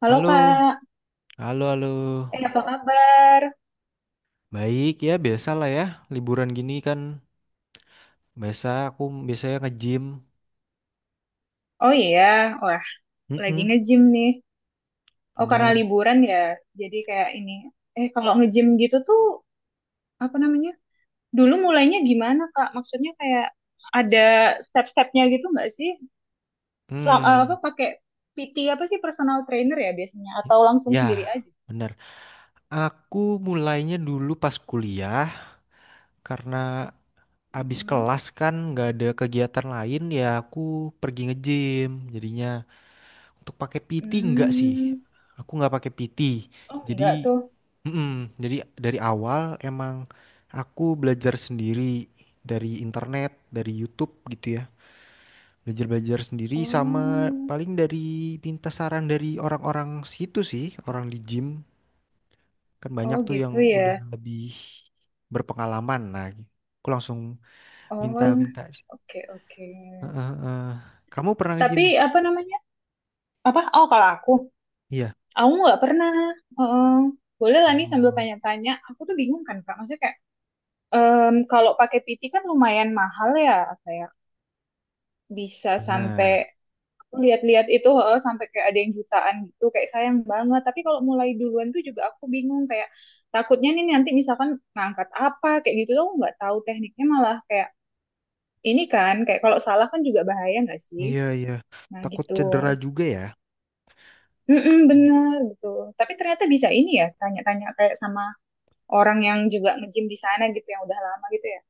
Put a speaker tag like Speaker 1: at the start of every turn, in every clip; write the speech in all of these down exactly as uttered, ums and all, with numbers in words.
Speaker 1: Halo
Speaker 2: Halo,
Speaker 1: Kak,
Speaker 2: halo, halo.
Speaker 1: eh apa kabar?
Speaker 2: Baik ya, biasalah ya. Liburan gini kan biasa aku biasanya nge-gym.
Speaker 1: Oh iya, wah lagi
Speaker 2: Mm-mm,
Speaker 1: nge-gym nih. Oh karena
Speaker 2: bener.
Speaker 1: liburan ya, jadi kayak ini. Eh kalau nge-gym gitu tuh apa namanya? Dulu mulainya gimana Kak? Maksudnya kayak ada step-stepnya gitu nggak sih? Selam, eh, apa
Speaker 2: Hmm,
Speaker 1: pakai P T apa sih, personal trainer ya biasanya?
Speaker 2: y-
Speaker 1: Atau langsung
Speaker 2: ya,
Speaker 1: sendiri aja?
Speaker 2: bener. Aku mulainya dulu pas kuliah karena abis
Speaker 1: Mm-mm.
Speaker 2: kelas kan nggak ada kegiatan lain ya aku pergi nge-gym. Jadinya untuk pakai P T nggak sih.
Speaker 1: Hmm.
Speaker 2: Aku nggak pakai P T.
Speaker 1: Oh enggak
Speaker 2: Jadi
Speaker 1: tuh.
Speaker 2: mm-mm. Jadi dari awal emang aku belajar sendiri dari internet, dari YouTube gitu ya. Belajar-belajar sendiri sama
Speaker 1: Oh,
Speaker 2: paling dari minta saran dari orang-orang situ sih, orang di gym. Kan banyak
Speaker 1: oh
Speaker 2: tuh yang
Speaker 1: gitu ya.
Speaker 2: udah lebih berpengalaman. Nah, aku langsung
Speaker 1: Oh,
Speaker 2: minta-minta. Eh,
Speaker 1: oke, oke.
Speaker 2: eh, eh, Kamu pernah nge-gym?
Speaker 1: Tapi apa namanya? Apa, oh, kalau aku
Speaker 2: Iya.
Speaker 1: aku nggak pernah. Heeh. Boleh lah nih, sambil
Speaker 2: Oh,
Speaker 1: tanya-tanya. Aku tuh bingung kan Kak, maksudnya kayak em, kalau pakai P T kan lumayan mahal ya, kayak bisa sampai,
Speaker 2: benar.
Speaker 1: aku lihat-lihat itu, heeh, sampai kayak ada yang jutaan gitu, kayak sayang banget. Tapi kalau mulai duluan tuh juga aku bingung kayak, takutnya nih nanti misalkan ngangkat apa kayak gitu tuh aku nggak tahu tekniknya, malah kayak ini kan kayak kalau salah kan juga bahaya nggak sih.
Speaker 2: Iya, iya.
Speaker 1: Nah
Speaker 2: Takut
Speaker 1: gitu.
Speaker 2: cedera juga ya.
Speaker 1: Mm bener gitu. Tapi ternyata bisa ini ya, tanya-tanya kayak sama orang yang juga nge-gym di sana gitu, yang udah lama gitu ya.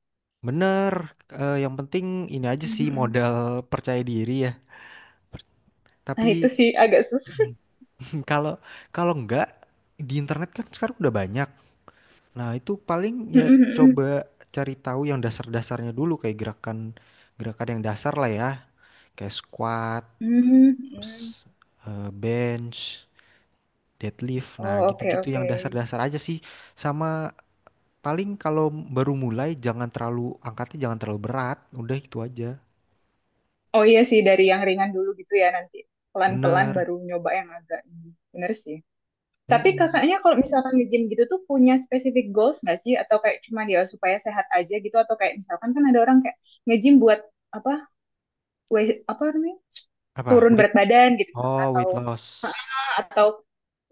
Speaker 2: Bener, eh, yang penting ini aja sih
Speaker 1: Mhm.
Speaker 2: modal percaya diri ya. Per- Tapi
Speaker 1: Nah, itu sih agak susah.
Speaker 2: kalau kalau enggak di internet kan sekarang udah banyak. Nah, itu paling ya
Speaker 1: Mhm, mhm.
Speaker 2: coba cari tahu yang dasar-dasarnya dulu kayak gerakan gerakan yang dasar lah ya, kayak squat,
Speaker 1: Mhm, mhm.
Speaker 2: terus eh, bench, deadlift. Nah,
Speaker 1: Oh, oke,
Speaker 2: gitu-gitu yang
Speaker 1: oke.
Speaker 2: dasar-dasar aja sih. Sama paling kalau baru mulai jangan terlalu angkatnya jangan terlalu berat, udah itu aja.
Speaker 1: Oh iya sih, dari yang ringan dulu gitu ya, nanti pelan-pelan
Speaker 2: Bener.
Speaker 1: baru nyoba yang agak ini. Bener sih. Tapi
Speaker 2: Mm-mm.
Speaker 1: kakaknya kalau misalkan nge-gym gitu tuh punya specific goals nggak sih? Atau kayak cuma dia supaya sehat aja gitu? Atau kayak misalkan kan ada orang kayak nge-gym buat apa? Weight, apa namanya,
Speaker 2: Apa?
Speaker 1: turun
Speaker 2: Weight?
Speaker 1: berat badan gitu misalkan,
Speaker 2: Oh,
Speaker 1: atau
Speaker 2: weight
Speaker 1: ah,
Speaker 2: loss.
Speaker 1: atau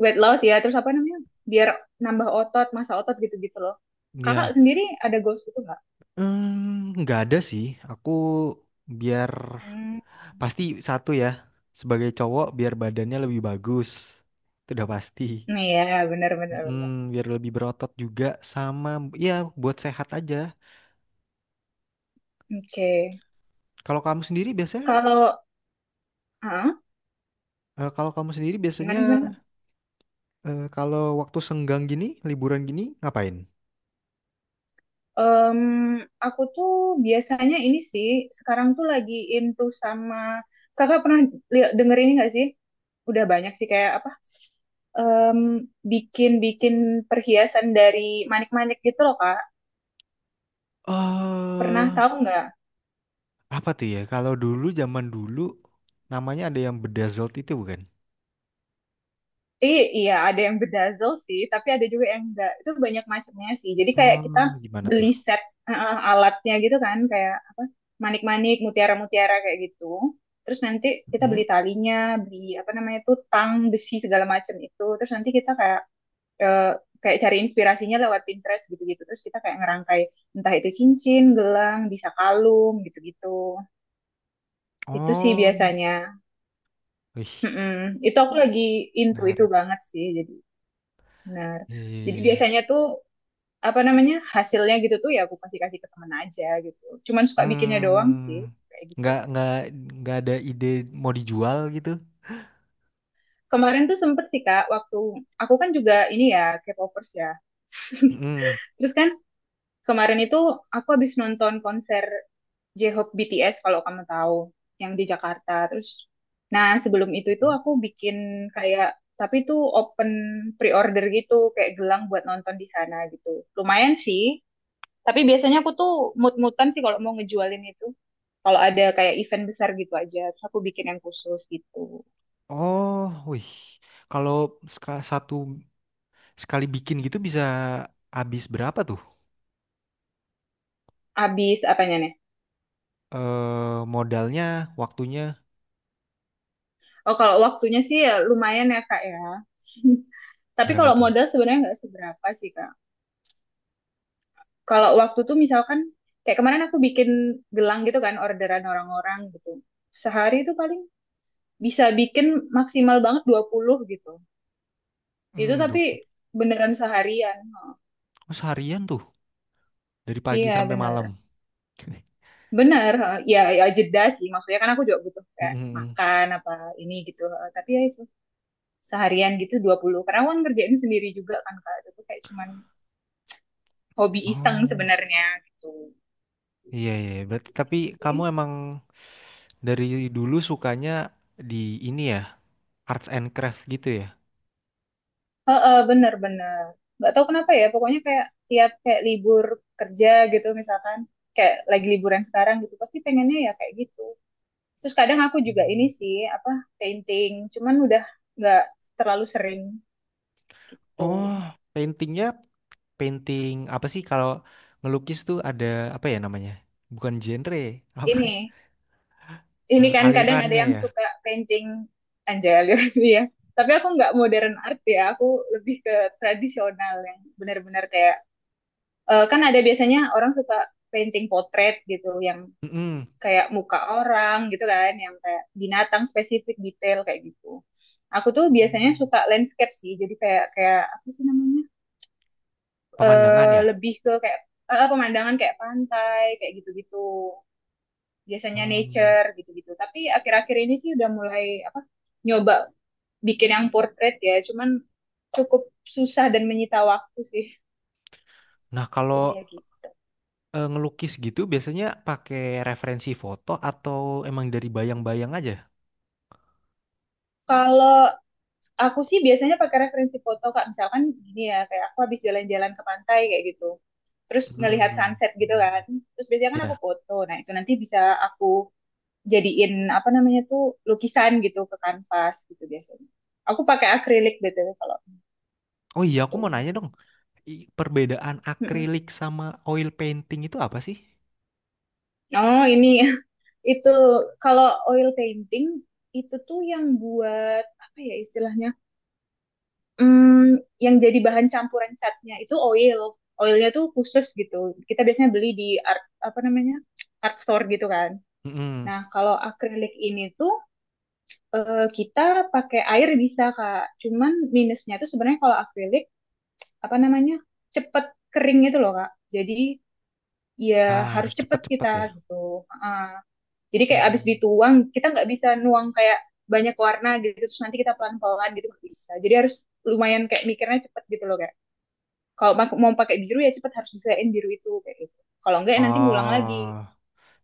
Speaker 1: weight loss ya, terus apa namanya, biar nambah otot, masa otot, gitu-gitu loh.
Speaker 2: Ya,
Speaker 1: Kakak sendiri ada goals gitu nggak?
Speaker 2: hmm, nggak ada sih. Aku biar
Speaker 1: Hmm.
Speaker 2: pasti satu ya. Sebagai cowok biar badannya lebih bagus. Itu udah pasti.
Speaker 1: Nah ya, benar-benar.
Speaker 2: Mm,
Speaker 1: Benar, benar.
Speaker 2: biar lebih berotot juga sama ya buat sehat aja.
Speaker 1: Oke.
Speaker 2: Kalau kamu sendiri biasanya
Speaker 1: Kalau ah
Speaker 2: eh, kalau kamu sendiri biasanya
Speaker 1: gimana, gimana?
Speaker 2: eh, Kalau waktu senggang gini, liburan gini ngapain?
Speaker 1: Em, aku tuh biasanya ini sih, sekarang tuh lagi into sama, kakak pernah lihat, denger ini nggak sih? Udah banyak sih, kayak apa, em, bikin bikin perhiasan dari manik-manik gitu loh Kak.
Speaker 2: Eh,
Speaker 1: Pernah tahu nggak?
Speaker 2: apa tuh ya? Kalau dulu zaman dulu namanya ada yang bedazzled itu bukan?
Speaker 1: I- iya, ada yang bedazzle sih, tapi ada juga yang enggak. Itu banyak macamnya sih. Jadi kayak kita
Speaker 2: Oh, gimana tuh?
Speaker 1: beli set, eh, alatnya gitu kan, kayak apa, manik-manik, mutiara-mutiara kayak gitu. Terus nanti kita
Speaker 2: Hmm?
Speaker 1: beli talinya, beli apa namanya tuh, tang, besi, segala macam itu. Terus nanti kita kayak, eh, kayak cari inspirasinya lewat Pinterest gitu-gitu. Terus kita kayak ngerangkai entah itu cincin, gelang, bisa kalung gitu-gitu. Itu sih
Speaker 2: Oh,
Speaker 1: biasanya.
Speaker 2: wih,
Speaker 1: Mm-mm. Itu aku lagi into itu
Speaker 2: menarik.
Speaker 1: banget sih. Jadi. Benar. Jadi
Speaker 2: Iya.
Speaker 1: biasanya tuh apa namanya, hasilnya gitu tuh ya, aku pasti kasih ke teman aja gitu. Cuman suka bikinnya doang sih,
Speaker 2: Hmm,
Speaker 1: kayak gitu.
Speaker 2: nggak nggak nggak ada ide mau dijual gitu?
Speaker 1: Kemarin tuh sempet sih Kak, waktu aku, kan juga ini ya, K-popers ya.
Speaker 2: Hmm.
Speaker 1: Terus kan kemarin itu aku habis nonton konser J-Hope B T S kalau kamu tahu, yang di Jakarta. Terus nah, sebelum itu itu aku bikin kayak, tapi itu open pre-order gitu, kayak gelang buat nonton di sana gitu. Lumayan sih. Tapi biasanya aku tuh mut-mutan sih kalau mau ngejualin itu. Kalau ada kayak event besar gitu aja, terus aku bikin yang khusus gitu.
Speaker 2: Oh, wih. Kalau seka- satu sekali bikin gitu bisa habis berapa tuh?
Speaker 1: Habis apanya nih?
Speaker 2: Eh, modalnya, waktunya
Speaker 1: Oh, kalau waktunya sih ya lumayan ya, Kak ya. Tapi
Speaker 2: berapa
Speaker 1: kalau
Speaker 2: tuh?
Speaker 1: modal sebenarnya nggak seberapa sih, Kak. Kalau waktu tuh misalkan, kayak kemarin aku bikin gelang gitu kan, orderan orang-orang gitu. Sehari itu paling bisa bikin maksimal banget dua puluh gitu. Itu
Speaker 2: Hmm,
Speaker 1: tapi
Speaker 2: dua puluh.
Speaker 1: beneran seharian. Oh,
Speaker 2: Oh, seharian tuh dari pagi
Speaker 1: iya,
Speaker 2: sampai malam.
Speaker 1: bener. Benar, heeh. ya, ya jeda sih. Maksudnya kan aku juga butuh kayak
Speaker 2: Mm-mm.
Speaker 1: makan apa ini gitu. Heeh. Tapi ya itu, seharian gitu dua puluh, karena aku kan ngerjain sendiri juga kan Kak. Itu kayak cuman hobi iseng
Speaker 2: Oh.
Speaker 1: sebenarnya gitu.
Speaker 2: Iya, iya, iya, berarti
Speaker 1: Gitu
Speaker 2: tapi kamu
Speaker 1: sih.
Speaker 2: emang dari dulu sukanya di ini ya, arts and craft gitu ya.
Speaker 1: Heeh, bener-bener. Nggak tahu kenapa ya, pokoknya kayak tiap kayak libur kerja gitu misalkan. Kayak lagi liburan sekarang gitu, pasti pengennya ya kayak gitu. Terus kadang aku juga ini sih, apa, painting. Cuman udah nggak terlalu sering
Speaker 2: Oh,
Speaker 1: tuh.
Speaker 2: paintingnya painting apa sih kalau ngelukis tuh ada apa ya namanya? Bukan genre, apa
Speaker 1: Ini, ini
Speaker 2: eh,
Speaker 1: kan kadang ada
Speaker 2: alirannya
Speaker 1: yang
Speaker 2: ya.
Speaker 1: suka painting anjali gitu ya. Tapi aku nggak modern art ya, aku lebih ke tradisional yang benar-benar kayak, eh, kan ada biasanya orang suka painting potret gitu, yang
Speaker 2: Mm-mm.
Speaker 1: kayak muka orang gitu kan, yang kayak binatang spesifik detail kayak gitu. Aku tuh biasanya
Speaker 2: Hmm.
Speaker 1: suka landscape sih, jadi kayak kayak apa sih namanya,
Speaker 2: Pemandangan
Speaker 1: eh
Speaker 2: ya.
Speaker 1: lebih ke kayak, eh, pemandangan kayak pantai kayak gitu-gitu, biasanya
Speaker 2: Hmm.
Speaker 1: nature gitu-gitu. Tapi akhir-akhir ini sih udah mulai apa, nyoba bikin yang portrait ya, cuman cukup susah dan menyita waktu sih.
Speaker 2: Nah,
Speaker 1: Jadi
Speaker 2: kalau
Speaker 1: ya gitu.
Speaker 2: eh, ngelukis gitu biasanya pakai referensi foto atau emang dari bayang-bayang aja?
Speaker 1: Kalau aku sih biasanya pakai referensi foto Kak, misalkan gini ya, kayak aku habis jalan-jalan ke pantai kayak gitu. Terus ngelihat
Speaker 2: Hmm.
Speaker 1: sunset gitu
Speaker 2: Hmm.
Speaker 1: kan. Terus biasanya kan aku
Speaker 2: Ya.
Speaker 1: foto. Nah, itu nanti bisa aku jadiin apa namanya tuh, lukisan gitu ke kanvas gitu biasanya. Aku pakai akrilik B T W kalau
Speaker 2: Oh iya, aku mau
Speaker 1: itu.
Speaker 2: nanya dong. I- perbedaan
Speaker 1: Mm-mm.
Speaker 2: akrilik sama oil painting itu apa sih?
Speaker 1: Oh, ini. Itu kalau oil painting itu tuh yang buat apa ya istilahnya, hmm, yang jadi bahan campuran catnya itu oil. Oilnya tuh khusus gitu. Kita biasanya beli di art, apa namanya, art store gitu kan.
Speaker 2: Mm-mm.
Speaker 1: Nah, kalau akrilik ini tuh, eh, kita pakai air bisa Kak. Cuman minusnya tuh sebenarnya kalau akrilik, apa namanya, cepet kering itu loh Kak. Jadi ya
Speaker 2: Ah,
Speaker 1: harus
Speaker 2: harus
Speaker 1: cepet
Speaker 2: cepat-cepat ya.
Speaker 1: kita gitu. Heeh. Jadi kayak abis
Speaker 2: Hmm.
Speaker 1: dituang, kita nggak bisa nuang kayak banyak warna gitu, terus nanti kita pelan-pelan gitu, nggak bisa. Jadi harus lumayan kayak, mikirnya cepet gitu loh kayak. Kalau mau pakai biru ya cepet harus bisain biru itu kayak gitu. Kalau enggak ya nanti ngulang
Speaker 2: Oh,
Speaker 1: lagi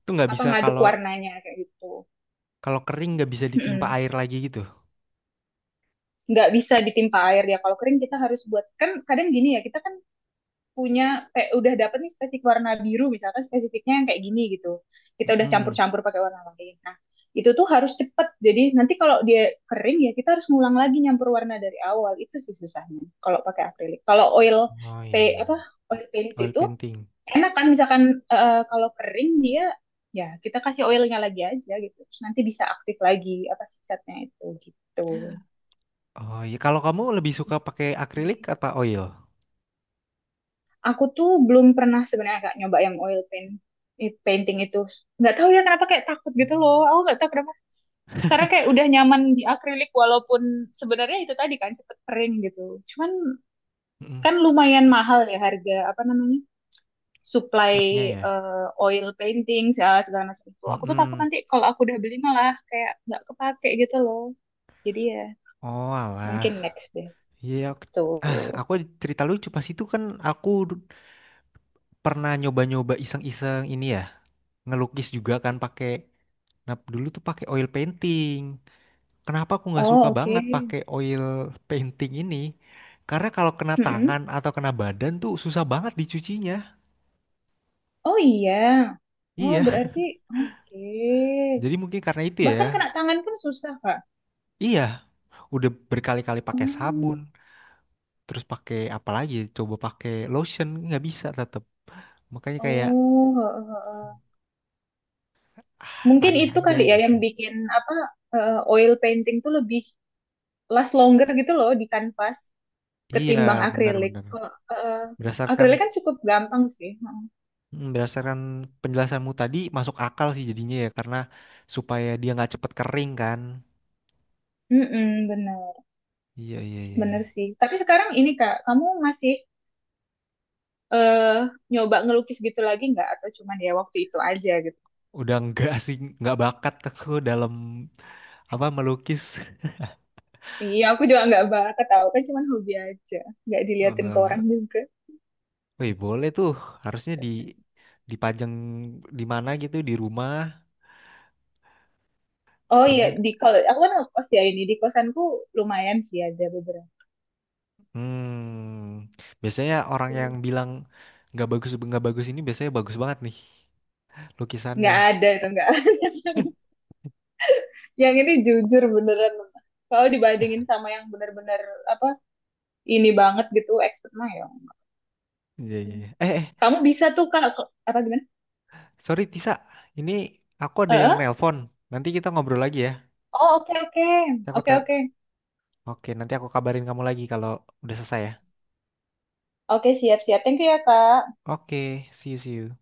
Speaker 2: itu nggak
Speaker 1: apa,
Speaker 2: bisa
Speaker 1: ngaduk
Speaker 2: kalau
Speaker 1: warnanya kayak gitu.
Speaker 2: kalau kering nggak bisa ditimpa air lagi gitu.
Speaker 1: Nggak bisa ditimpa air ya. Kalau kering kita harus buat, kan kadang gini ya, kita kan punya kayak udah dapet nih spesifik warna biru misalkan, spesifiknya yang kayak gini gitu, kita udah
Speaker 2: Mm-mm.
Speaker 1: campur-campur pakai warna lain, nah itu tuh harus cepet, jadi nanti kalau dia kering ya kita harus ngulang lagi nyampur warna dari awal. Itu sih susahnya kalau pakai akrilik. Kalau oil
Speaker 2: Oh iya,
Speaker 1: pa-
Speaker 2: iya.
Speaker 1: apa, oil paints
Speaker 2: Oil
Speaker 1: itu
Speaker 2: painting.
Speaker 1: enak kan, misalkan eh, kalau kering dia, ya kita kasih oilnya lagi aja gitu. Terus nanti bisa aktif lagi apa sih, catnya itu gitu.
Speaker 2: Oh iya, kalau kamu lebih suka pakai akrilik apa oil?
Speaker 1: Aku tuh belum pernah sebenarnya Kak nyoba yang oil paint, i- painting itu. Nggak tahu ya kenapa, kayak takut gitu loh. Aku nggak tahu kenapa. Karena kayak udah nyaman di akrilik, walaupun sebenarnya itu tadi kan cepet kering gitu. Cuman
Speaker 2: Hmm. Mm-mm.
Speaker 1: kan lumayan mahal ya harga, apa namanya, supply,
Speaker 2: Catnya ya.
Speaker 1: eh, oil painting segala, segala, macam itu. Aku tuh takut
Speaker 2: Mm-mm.
Speaker 1: nanti kalau aku udah beli malah kayak nggak kepake gitu loh. Jadi ya
Speaker 2: Oh
Speaker 1: mungkin
Speaker 2: alah,
Speaker 1: next deh.
Speaker 2: iya. aku- Ah,
Speaker 1: Tuh.
Speaker 2: aku cerita lucu pas itu kan aku du- pernah nyoba-nyoba iseng-iseng ini ya, ngelukis juga kan pakai nah dulu tuh pakai oil painting. Kenapa aku nggak suka
Speaker 1: Oh, oke.
Speaker 2: banget pakai oil painting ini karena kalau kena
Speaker 1: Mm-mm.
Speaker 2: tangan atau kena badan tuh susah banget dicucinya,
Speaker 1: Oh iya. Oh
Speaker 2: iya,
Speaker 1: berarti oke.
Speaker 2: jadi mungkin karena itu
Speaker 1: Bahkan
Speaker 2: ya.
Speaker 1: kena tangan pun susah, Kak.
Speaker 2: Iya, udah berkali-kali pakai
Speaker 1: Hmm.
Speaker 2: sabun terus pakai apa lagi coba pakai lotion nggak bisa tetap, makanya kayak
Speaker 1: Oh, heeh, heeh. Mungkin
Speaker 2: aneh
Speaker 1: itu
Speaker 2: aja
Speaker 1: kali ya
Speaker 2: gitu.
Speaker 1: yang bikin apa, eh, oil painting tuh lebih last longer gitu loh di kanvas
Speaker 2: Iya,
Speaker 1: ketimbang akrilik.
Speaker 2: benar-benar
Speaker 1: Kalau eh,
Speaker 2: berdasarkan,
Speaker 1: akrilik kan cukup gampang sih. Heeh.
Speaker 2: hmm, berdasarkan penjelasanmu tadi masuk akal sih jadinya ya karena supaya dia nggak cepet kering kan.
Speaker 1: Mm-mm, bener,
Speaker 2: Iya iya iya, iya.
Speaker 1: bener sih. Tapi sekarang ini Kak, kamu masih eh nyoba ngelukis gitu lagi nggak? Atau cuman ya waktu itu aja.
Speaker 2: Udah nggak sih nggak bakat aku dalam apa melukis.
Speaker 1: Iya, aku juga nggak banget, tahu kan, cuman hobi aja, nggak diliatin ke
Speaker 2: Eh,
Speaker 1: orang juga.
Speaker 2: wih boleh tuh, harusnya di dipajang di mana gitu di rumah
Speaker 1: Oh
Speaker 2: atau
Speaker 1: iya,
Speaker 2: enggak?
Speaker 1: di kalau aku kan ngekos ya, ini di kosanku lumayan sih, ada beberapa.
Speaker 2: Hmm, biasanya orang yang bilang nggak bagus nggak bagus ini biasanya bagus banget nih
Speaker 1: Nggak
Speaker 2: lukisannya.
Speaker 1: ada, itu nggak ada. Yang ini jujur beneran. Kalau dibandingin sama yang bener-bener apa, ini banget gitu, expert mah ya.
Speaker 2: Iya iya, iya. Eh eh
Speaker 1: Kamu bisa tuh Kak, apa gimana?
Speaker 2: Sorry Tisa, ini aku ada yang
Speaker 1: Eh?
Speaker 2: nelpon. Nanti kita ngobrol lagi ya.
Speaker 1: Oh, oke, oke,
Speaker 2: Aku
Speaker 1: oke,
Speaker 2: te-
Speaker 1: oke,
Speaker 2: Oke, nanti aku kabarin kamu lagi kalau udah selesai ya.
Speaker 1: oke, siap, siap. Thank you ya Kak.
Speaker 2: Oke, see you, see you.